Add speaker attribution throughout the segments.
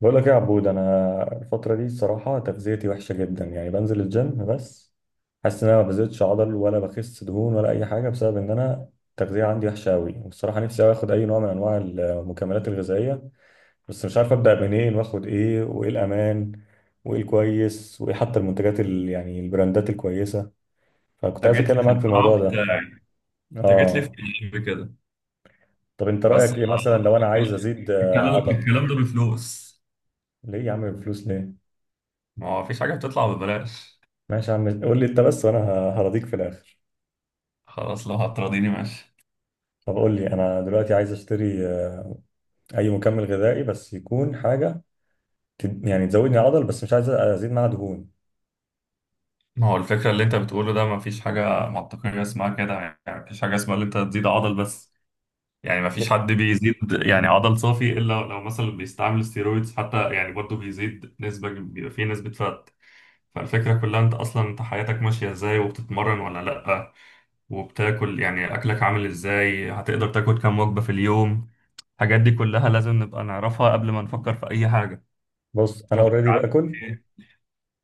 Speaker 1: بقول لك ايه يا عبود، انا الفتره دي الصراحه تغذيتي وحشه جدا. يعني بنزل الجيم بس حاسس ان انا ما بزيدش عضل ولا بخس دهون ولا اي حاجه، بسبب ان انا التغذيه عندي وحشه قوي. والصراحه نفسي أوي اخد اي نوع من انواع المكملات الغذائيه، بس مش عارف ابدا منين واخد ايه، وايه الامان، وايه الكويس، وايه حتى المنتجات يعني البراندات الكويسه. فكنت
Speaker 2: انت
Speaker 1: عايز
Speaker 2: جيت لي
Speaker 1: اتكلم
Speaker 2: في
Speaker 1: معاك في
Speaker 2: القاع
Speaker 1: الموضوع ده.
Speaker 2: بتاعي. انت جيت لي في
Speaker 1: اه.
Speaker 2: القلب كده.
Speaker 1: طب انت
Speaker 2: بس
Speaker 1: رايك ايه مثلا لو
Speaker 2: أنا-
Speaker 1: انا عايز
Speaker 2: الكلام
Speaker 1: ازيد عضل؟
Speaker 2: الكلام ده بفلوس.
Speaker 1: ليه يا عم، الفلوس ليه؟
Speaker 2: ما هو مفيش حاجه بتطلع ببلاش.
Speaker 1: ماشي يا عم، قول لي انت بس وانا هرضيك في الاخر.
Speaker 2: خلاص، لو هتراضيني ماشي.
Speaker 1: طب قول لي، انا دلوقتي عايز اشتري اي مكمل غذائي، بس يكون حاجه يعني تزودني عضل، بس مش عايز ازيد معاها دهون.
Speaker 2: ما هو الفكره اللي انت بتقوله ده مفيش حاجه منطقيه اسمها كده. يعني مفيش حاجه اسمها اللي انت تزيد عضل بس. يعني مفيش
Speaker 1: ليه؟
Speaker 2: حد بيزيد يعني عضل صافي الا لو مثلا بيستعمل ستيرويدز، حتى يعني برضه بيزيد نسبه، بيبقى فيه نسبه فات. فالفكره كلها انت اصلا انت حياتك ماشيه ازاي؟ وبتتمرن ولا لا؟ وبتاكل، يعني اكلك عامل ازاي؟ هتقدر تاكل كام وجبة في اليوم؟ الحاجات دي كلها لازم نبقى نعرفها قبل ما نفكر في اي حاجة.
Speaker 1: بص انا
Speaker 2: شغلك
Speaker 1: اوريدي
Speaker 2: عامل
Speaker 1: باكل.
Speaker 2: ايه؟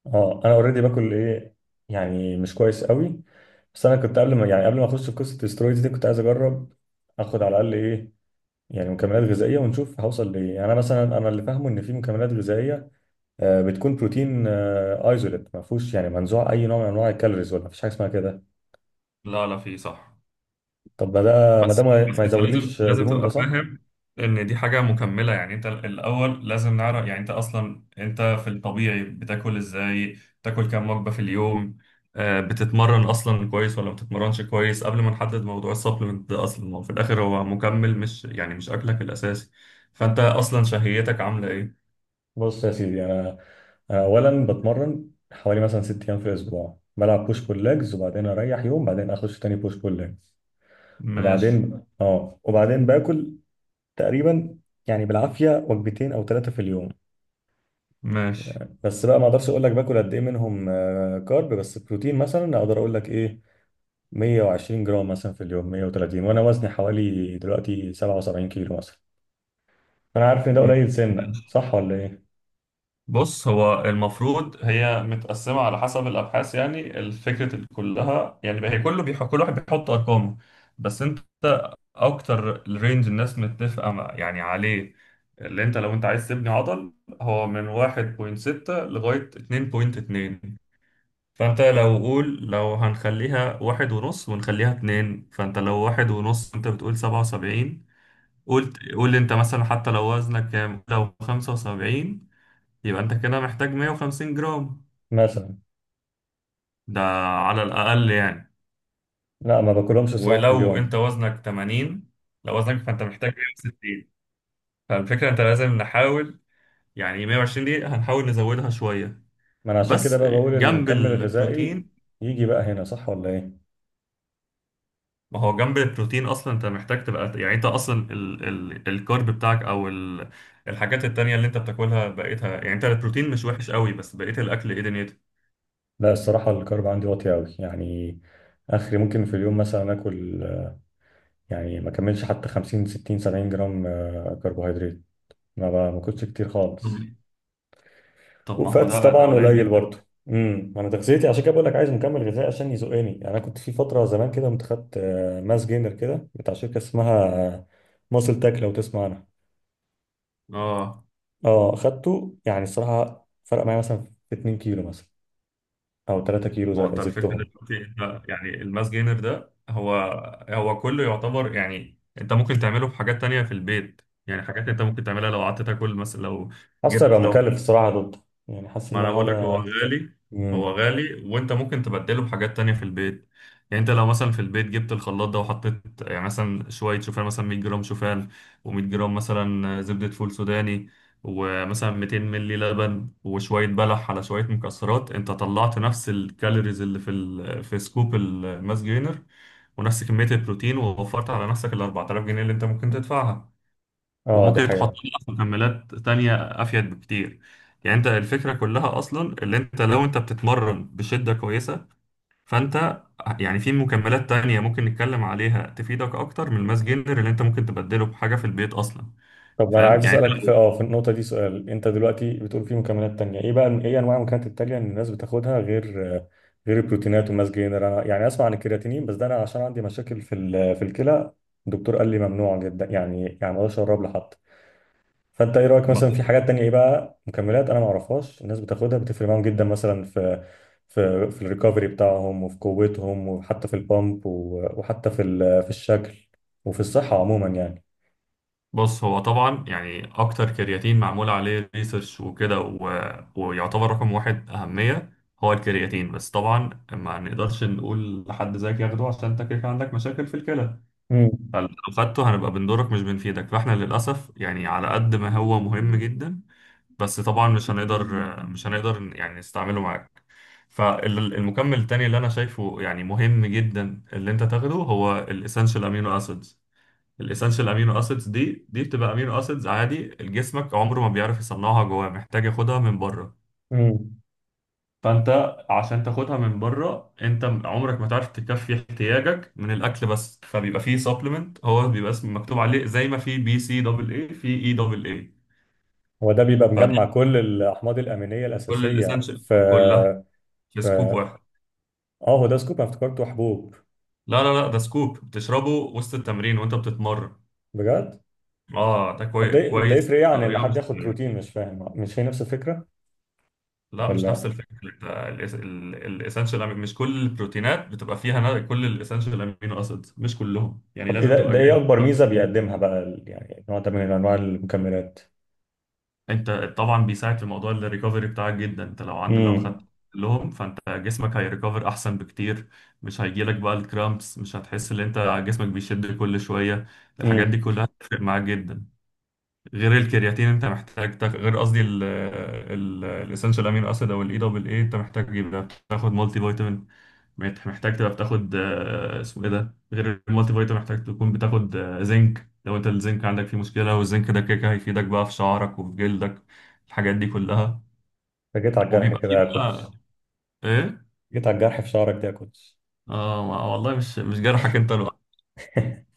Speaker 1: اه، انا اوريدي باكل ايه، يعني مش كويس قوي. بس انا كنت قبل ما اخش في قصه الاسترويدز دي كنت عايز اجرب اخد على الاقل ايه، يعني مكملات غذائيه ونشوف هوصل لايه. يعني انا مثلا، انا اللي فاهمه ان في مكملات غذائيه بتكون بروتين ايزوليت ما فيهوش، يعني منزوع اي نوع من انواع الكالوريز، ولا مفيش حاجه اسمها كده؟
Speaker 2: لا، لا، في صح.
Speaker 1: طب ما ده ما ده
Speaker 2: بس
Speaker 1: ما ما
Speaker 2: بس انت لازم
Speaker 1: يزودليش
Speaker 2: لازم
Speaker 1: دهون، ده
Speaker 2: تبقى
Speaker 1: صح؟
Speaker 2: فاهم ان دي حاجه مكمله، يعني انت الاول لازم نعرف، يعني انت اصلا انت في الطبيعي بتاكل ازاي؟ بتاكل كام وجبه في اليوم؟ بتتمرن اصلا كويس ولا ما بتتمرنش كويس قبل ما نحدد موضوع السبلمنت ده؟ اصلا ما هو في الاخر هو مكمل، مش يعني مش اكلك الاساسي. فانت اصلا شهيتك عامله ايه؟
Speaker 1: بص يا سيدي، انا اولا بتمرن حوالي مثلا ست ايام في الاسبوع، بلعب بوش بول ليجز وبعدين اريح يوم، بعدين اخش تاني بوش بول ليجز.
Speaker 2: ماشي.
Speaker 1: وبعدين باكل تقريبا يعني بالعافيه وجبتين او ثلاثه في اليوم.
Speaker 2: ماشي.
Speaker 1: بس بقى ما اقدرش اقول لك باكل قد ايه منهم كارب، بس بروتين مثلا اقدر اقول لك ايه، 120 جرام مثلا في اليوم، 130. وانا وزني حوالي دلوقتي 77 كيلو مثلا، فانا عارف ان ده
Speaker 2: م-
Speaker 1: قليل سنه، صح ولا ايه؟
Speaker 2: بص، هو المفروض هي متقسمة على حسب الأبحاث، يعني الفكرة كلها، يعني هي كله كل واحد بيحط أرقامه. بس أنت، أكتر الرينج الناس يعني عليه اللي أنت لو أنت عايز تبني عضل هو من 1.6 لغاية 2.2. فأنت لو قول، لو هنخليها 1.5 ونخليها 2، فأنت لو 1.5 أنت بتقول 77. قول أنت مثلا، حتى لو وزنك كام، لو 75، يبقى انت كده محتاج 150 جرام
Speaker 1: مثلا.
Speaker 2: ده على الأقل يعني.
Speaker 1: لا، ما باكلهمش صراحة في
Speaker 2: ولو
Speaker 1: اليوم.
Speaker 2: انت وزنك 80، لو وزنك فانت محتاج 160. فالفكرة انت لازم نحاول، يعني 120 دي هنحاول نزودها شوية،
Speaker 1: ما انا عشان كده
Speaker 2: بس
Speaker 1: بقى بقول
Speaker 2: جنب
Speaker 1: المكمل الغذائي
Speaker 2: البروتين.
Speaker 1: يجي بقى هنا، صح ولا ايه؟
Speaker 2: ما هو جنب البروتين اصلا انت محتاج تبقى، يعني انت اصلا ال الكارب بتاعك او ال الحاجات التانية اللي انت بتاكلها بقيتها، يعني انت البروتين مش وحش قوي بس بقيت الاكل ايه دنيته.
Speaker 1: لا، الصراحة الكارب عندي واطي قوي يعني. اخري ممكن في اليوم مثلا اكل يعني ما اكملش حتى 50 60 70 جرام كربوهيدرات. ما باكلش كتير
Speaker 2: طب
Speaker 1: خالص.
Speaker 2: طب ما هو
Speaker 1: وفاتس
Speaker 2: ده
Speaker 1: طبعا
Speaker 2: قليل
Speaker 1: قليل
Speaker 2: جدا.
Speaker 1: برضه. انا تغذيتي عشان كده بقول لك عايز مكمل غذائي عشان يزقني. يعني انا كنت في فترة زمان كده، كنت خدت ماس جينر كده بتاع شركة اسمها ماسل تاك، لو تسمع عنها.
Speaker 2: اه،
Speaker 1: اه، خدته يعني الصراحه فرق معايا مثلا في 2 كيلو مثلا، او 3 كيلو
Speaker 2: ما هو انت الفكره
Speaker 1: زدتهم.
Speaker 2: دلوقتي انت يعني الماس جينر ده، هو كله يعتبر، يعني انت ممكن تعمله في حاجات تانية في البيت. يعني حاجات انت ممكن تعملها لو قعدت تاكل مثلا، لو
Speaker 1: حاسس هيبقى
Speaker 2: جبت لو
Speaker 1: مكلف الصراحه ضده، يعني حاسس
Speaker 2: ما
Speaker 1: ان انا
Speaker 2: انا بقول لك هو
Speaker 1: هقعد.
Speaker 2: غالي. هو
Speaker 1: امم.
Speaker 2: غالي وانت ممكن تبدله بحاجات تانية في البيت. يعني انت لو مثلا في البيت جبت الخلاط ده، وحطيت يعني مثلا شوية شوفان، مثلا 100 جرام شوفان و100 جرام مثلا زبدة فول سوداني ومثلا 200 ملي لبن وشوية بلح على شوية مكسرات، انت طلعت نفس الكالوريز اللي في سكوب الماس جينر، ونفس كمية البروتين، ووفرت على نفسك ال 4000 جنيه اللي انت ممكن تدفعها،
Speaker 1: اه، دي
Speaker 2: وممكن تحط
Speaker 1: حقيقه.
Speaker 2: لها مكملات تانية أفيد بكتير. يعني أنت الفكرة كلها أصلا اللي أنت لو أنت بتتمرن بشدة كويسة، فأنت يعني في مكملات تانية ممكن نتكلم عليها تفيدك أكتر من الماس جينر اللي أنت ممكن تبدله بحاجة في البيت أصلا.
Speaker 1: طب انا
Speaker 2: فاهم
Speaker 1: عايز
Speaker 2: يعني أنت
Speaker 1: اسالك في
Speaker 2: لو-
Speaker 1: في النقطه دي سؤال. انت دلوقتي بتقول في مكملات تانية، ايه بقى، ايه انواع المكملات التانية ان الناس بتاخدها غير البروتينات والماس جينر؟ انا يعني اسمع عن الكرياتينين، بس ده انا عشان عندي مشاكل في الكلى، الدكتور قال لي ممنوع جدا، يعني ما اقدرش اقرب لحد. فانت ايه رايك
Speaker 2: ما-
Speaker 1: مثلا في حاجات تانية، ايه بقى مكملات انا ما اعرفهاش الناس بتاخدها بتفرق معاهم جدا، مثلا في الريكفري بتاعهم وفي قوتهم وحتى في البامب وحتى في الشكل وفي الصحه عموما يعني.
Speaker 2: بص، هو طبعا يعني أكتر كرياتين معمول عليه ريسيرش وكده ويعتبر رقم واحد أهمية هو الكرياتين. بس طبعا ما نقدرش نقول لحد زيك ياخده عشان أنت كده كده عندك مشاكل في الكلى.
Speaker 1: امم.
Speaker 2: فلو خدته هنبقى بنضرك مش بنفيدك، فاحنا للأسف يعني على قد ما هو مهم جدا، بس طبعا مش هنقدر يعني نستعمله معاك. فالمكمل التاني اللي أنا شايفه يعني مهم جدا اللي أنت تاخده هو الإسنشال أمينو أسيدز. الإسنشال أمينو أسيدز دي بتبقى أمينو أسيدز عادي، جسمك عمره ما بيعرف يصنعها جواه، محتاج ياخدها من بره.
Speaker 1: امم.
Speaker 2: فانت عشان تاخدها من بره، انت عمرك ما تعرف تكفي احتياجك من الاكل بس، فبيبقى فيه سبلمنت، هو بيبقى اسم مكتوب عليه زي ما في بي سي دبل اي، في اي دبل اي،
Speaker 1: هو ده بيبقى
Speaker 2: فكل
Speaker 1: مجمع كل الاحماض الامينيه الاساسيه
Speaker 2: الاسينشال
Speaker 1: في
Speaker 2: كلها في سكوب
Speaker 1: في
Speaker 2: واحد.
Speaker 1: اه هو ده سكوب، انا افتكرته حبوب؟
Speaker 2: لا، لا، لا، ده سكوب بتشربه وسط التمرين وانت بتتمرن.
Speaker 1: بجد.
Speaker 2: اه ده
Speaker 1: طب ده
Speaker 2: كويس،
Speaker 1: يفرق ايه عن ان
Speaker 2: طريقه
Speaker 1: حد
Speaker 2: مش
Speaker 1: ياخد بروتين؟ مش فاهم، مش هي نفس الفكره
Speaker 2: لا، مش
Speaker 1: ولا؟
Speaker 2: نفس الفكره. الاسينشال، مش كل البروتينات بتبقى فيها كل الاسينشال امينو اسيدز مش كلهم يعني
Speaker 1: طب ايه
Speaker 2: لازم
Speaker 1: ده
Speaker 2: تبقى
Speaker 1: ده ايه
Speaker 2: جاي
Speaker 1: اكبر ميزه بيقدمها بقى يعني نوع ده من انواع المكملات؟
Speaker 2: انت. طبعا بيساعد في موضوع الريكفري بتاعك جدا، انت لو عند لو
Speaker 1: امم.
Speaker 2: خدت لهم، فانت جسمك هيريكفر احسن بكتير، مش هيجيلك بقى الكرامبس، مش هتحس ان انت جسمك بيشد كل شويه. الحاجات دي
Speaker 1: امم.
Speaker 2: كلها هتفرق معاك جدا. غير الكرياتين انت محتاج غير قصدي الاسنشال امين اسيد او الاي دبل اي، انت محتاج يبقى تاخد مالتي فيتامين. محتاج تبقى بتاخد، اسمه ايه ده، غير المالتي فيتامين محتاج تكون بتاخد، زنك، لو انت الزنك عندك فيه مشكلة، والزنك ده كده كده هيفيدك بقى في شعرك وفي جلدك. الحاجات دي كلها
Speaker 1: جيت على الجرح
Speaker 2: وبيبقى فيه
Speaker 1: كده يا
Speaker 2: بقى
Speaker 1: كوتش.
Speaker 2: ايه.
Speaker 1: جيت على الجرح في شعرك ده يا كوتش.
Speaker 2: اه، والله مش جرحك انت لوحدك.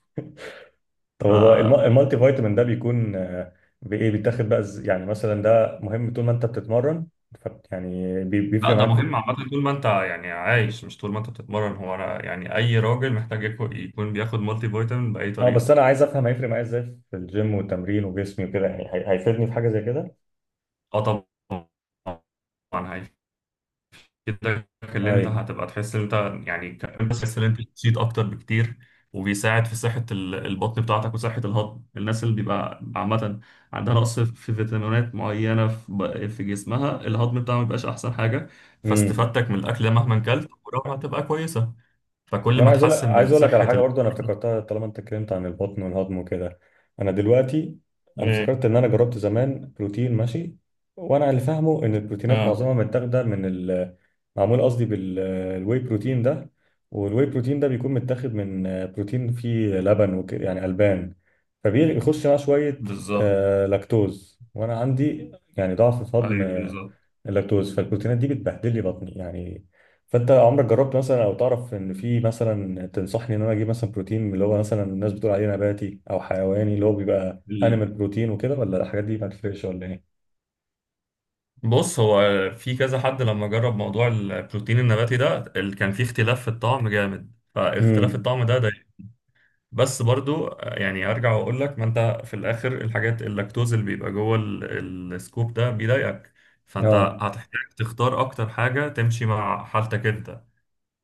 Speaker 1: طب
Speaker 2: ف
Speaker 1: هو المالتي فيتامين ده بيكون بايه بيتاخد بقى، يعني مثلا ده مهم طول ما انت بتتمرن، يعني
Speaker 2: لا،
Speaker 1: بيفرق
Speaker 2: ده
Speaker 1: معاك في.
Speaker 2: مهم عامة طول ما انت يعني عايش، مش طول ما انت بتتمرن. هو انا يعني اي راجل محتاج يكون بياخد مالتي فيتامين بأي
Speaker 1: اه، بس
Speaker 2: طريقة.
Speaker 1: انا عايز افهم هيفرق معايا ازاي في الجيم والتمرين وجسمي وكده، يعني هيفيدني في حاجه زي كده؟
Speaker 2: اه، طبعا. كده اللي انت
Speaker 1: ايوه.
Speaker 2: هتبقى تحس ان انت يعني كمان بتحس ان انت نشيط اكتر بكتير، وبيساعد في صحة البطن بتاعتك وصحة الهضم. الناس اللي بيبقى عامة عندها نقص في فيتامينات معينة في في جسمها، الهضم بتاعها ما بيبقاش احسن حاجة،
Speaker 1: امم.
Speaker 2: فاستفادتك من الاكل مهما كلت قدراتها هتبقى كويسة.
Speaker 1: طب
Speaker 2: فكل
Speaker 1: انا
Speaker 2: ما
Speaker 1: عايز اقول لك،
Speaker 2: تحسن من
Speaker 1: على
Speaker 2: صحة
Speaker 1: حاجه برضو انا افتكرتها طالما انت اتكلمت عن البطن والهضم وكده. انا دلوقتي انا افتكرت
Speaker 2: ايه.
Speaker 1: ان انا جربت زمان بروتين ماشي، وانا اللي فاهمه ان البروتينات
Speaker 2: اه،
Speaker 1: معظمها متاخده من ال، معمول قصدي بالواي بروتين ده. والواي بروتين ده بيكون متاخد من بروتين فيه لبن وكده، يعني البان، فبيخش معاه شويه
Speaker 2: بالظبط.
Speaker 1: لاكتوز، وانا عندي يعني ضعف في الهضم
Speaker 2: ايوه، بالظبط.
Speaker 1: اللاكتوز، فالبروتينات دي بتبهدل لي بطني يعني. فانت عمرك جربت مثلا، او تعرف ان في مثلا تنصحني ان انا اجيب مثلا بروتين اللي هو مثلا الناس بتقول عليه نباتي او حيواني اللي هو بيبقى انيمال بروتين وكده، ولا الحاجات دي ما تفرقش ولا ايه؟
Speaker 2: بص، هو في كذا حد لما جرب موضوع البروتين النباتي ده، اللي كان فيه اختلاف في الطعم جامد، فاختلاف
Speaker 1: امم.
Speaker 2: الطعم ده بس برضو يعني ارجع واقول لك، ما انت في الاخر الحاجات، اللاكتوز اللي بيبقى جوه السكوب ده بيضايقك، فانت
Speaker 1: اه.
Speaker 2: هتحتاج تختار اكتر حاجة تمشي مع حالتك انت،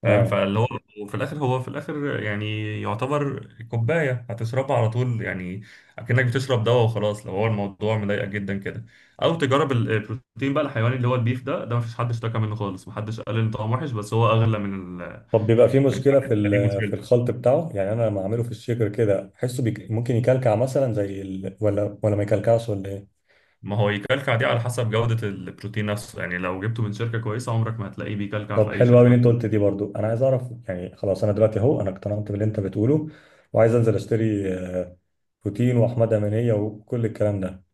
Speaker 2: فاهم؟
Speaker 1: اه.
Speaker 2: فاللي هو وفي الاخر، هو في الاخر، يعني يعتبر كوبايه هتشربها على طول، يعني اكنك بتشرب دواء وخلاص لو هو الموضوع مضايقك جدا كده. او تجرب البروتين بقى الحيواني اللي هو البيف ده مفيش حد اشتكى منه خالص، محدش قال ان طعمه وحش، بس هو اغلى من
Speaker 1: طب بيبقى في
Speaker 2: من
Speaker 1: مشكله في
Speaker 2: الحاجات دي مشكلته.
Speaker 1: الخلط بتاعه؟ يعني انا لما اعمله في الشيكر كده احسه ممكن يكلكع مثلا زي ولا ما يكلكعش ولا ايه؟
Speaker 2: ما هو يكلكع دي على حسب جوده البروتين نفسه، يعني لو جبته من شركه كويسه عمرك ما هتلاقيه بيكلكع
Speaker 1: طب
Speaker 2: في اي
Speaker 1: حلو قوي
Speaker 2: شركه.
Speaker 1: اللي انت قلت دي، برضو انا عايز اعرف. يعني خلاص، انا دلوقتي اهو انا اقتنعت باللي انت بتقوله، وعايز انزل اشتري بوتين واحمد امانيه وكل الكلام ده.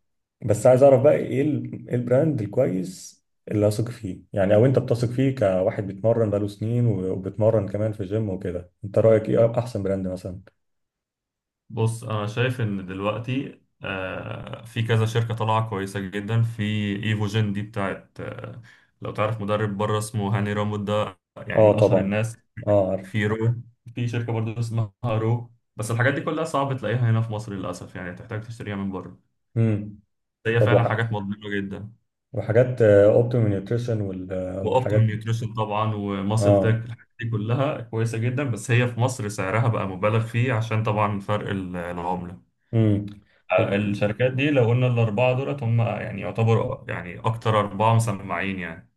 Speaker 1: بس عايز اعرف بقى، ايه ال- إيه البراند الكويس اللي اثق فيه يعني، او انت بتثق فيه كواحد بيتمرن بقاله سنين وبيتمرن كمان في جيم وكده. انت رايك ايه احسن براند مثلا؟
Speaker 2: بص، انا شايف ان دلوقتي، في كذا شركه طالعه كويسه جدا، في ايفوجين دي بتاعت، لو تعرف مدرب بره اسمه هاني رامود ده، يعني
Speaker 1: اه
Speaker 2: من اشهر
Speaker 1: طبعا.
Speaker 2: الناس.
Speaker 1: اه عارف.
Speaker 2: في رو في شركه برضو اسمها رو، بس الحاجات دي كلها صعب تلاقيها هنا في مصر للاسف، يعني تحتاج تشتريها من بره.
Speaker 1: امم.
Speaker 2: هي
Speaker 1: طب
Speaker 2: فعلا حاجات مضمونه جدا.
Speaker 1: وحاجات اوبتيمال نيوتريشن
Speaker 2: واوبتيم
Speaker 1: والحاجات.
Speaker 2: نيوتريشن طبعا، وماسل تك،
Speaker 1: اه.
Speaker 2: الحاجات دي كلها كويسه جدا، بس هي في مصر سعرها بقى مبالغ فيه عشان طبعا فرق العمله.
Speaker 1: امم. طب
Speaker 2: الشركات دي لو قلنا الأربعة دولت، هم يعني يعتبروا يعني أكتر أربعة مسمعين يعني.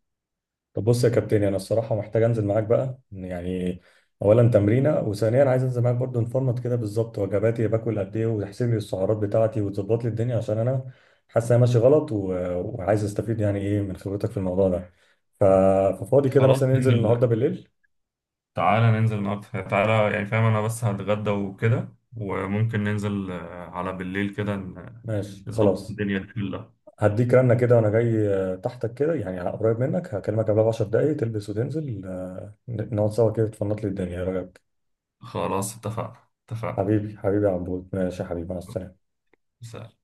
Speaker 1: طب بص يا كابتن، انا الصراحه محتاج انزل معاك بقى يعني، اولا تمرينه، وثانيا عايز انزل معاك برضو انفورمات كده بالظبط، وجباتي باكل قد ايه، وتحسب لي السعرات بتاعتي، وتظبط لي الدنيا، عشان انا حاسس انا ماشي غلط، وعايز استفيد يعني ايه من خبرتك في الموضوع ده. ف... ففاضي كده
Speaker 2: خلاص،
Speaker 1: مثلا ننزل
Speaker 2: ننزل.
Speaker 1: النهارده بالليل؟
Speaker 2: تعالى ننزل النهاردة، تعالى، يعني فاهم أنا، بس هتغدى وكده، وممكن ننزل، على بالليل كده
Speaker 1: ماشي
Speaker 2: نظبط
Speaker 1: خلاص.
Speaker 2: الدنيا دي كلها.
Speaker 1: هديك رنه كده وانا جاي تحتك كده يعني على قريب منك، هكلمك قبلها ب 10 دقايق تلبس وتنزل نقعد سوا كده تفنط لي الدنيا، ايه رايك؟
Speaker 2: خلاص، اتفقنا، اتفقنا.
Speaker 1: حبيبي حبيبي يا عبود، ماشي يا حبيبي، مع السلامه.
Speaker 2: سلام.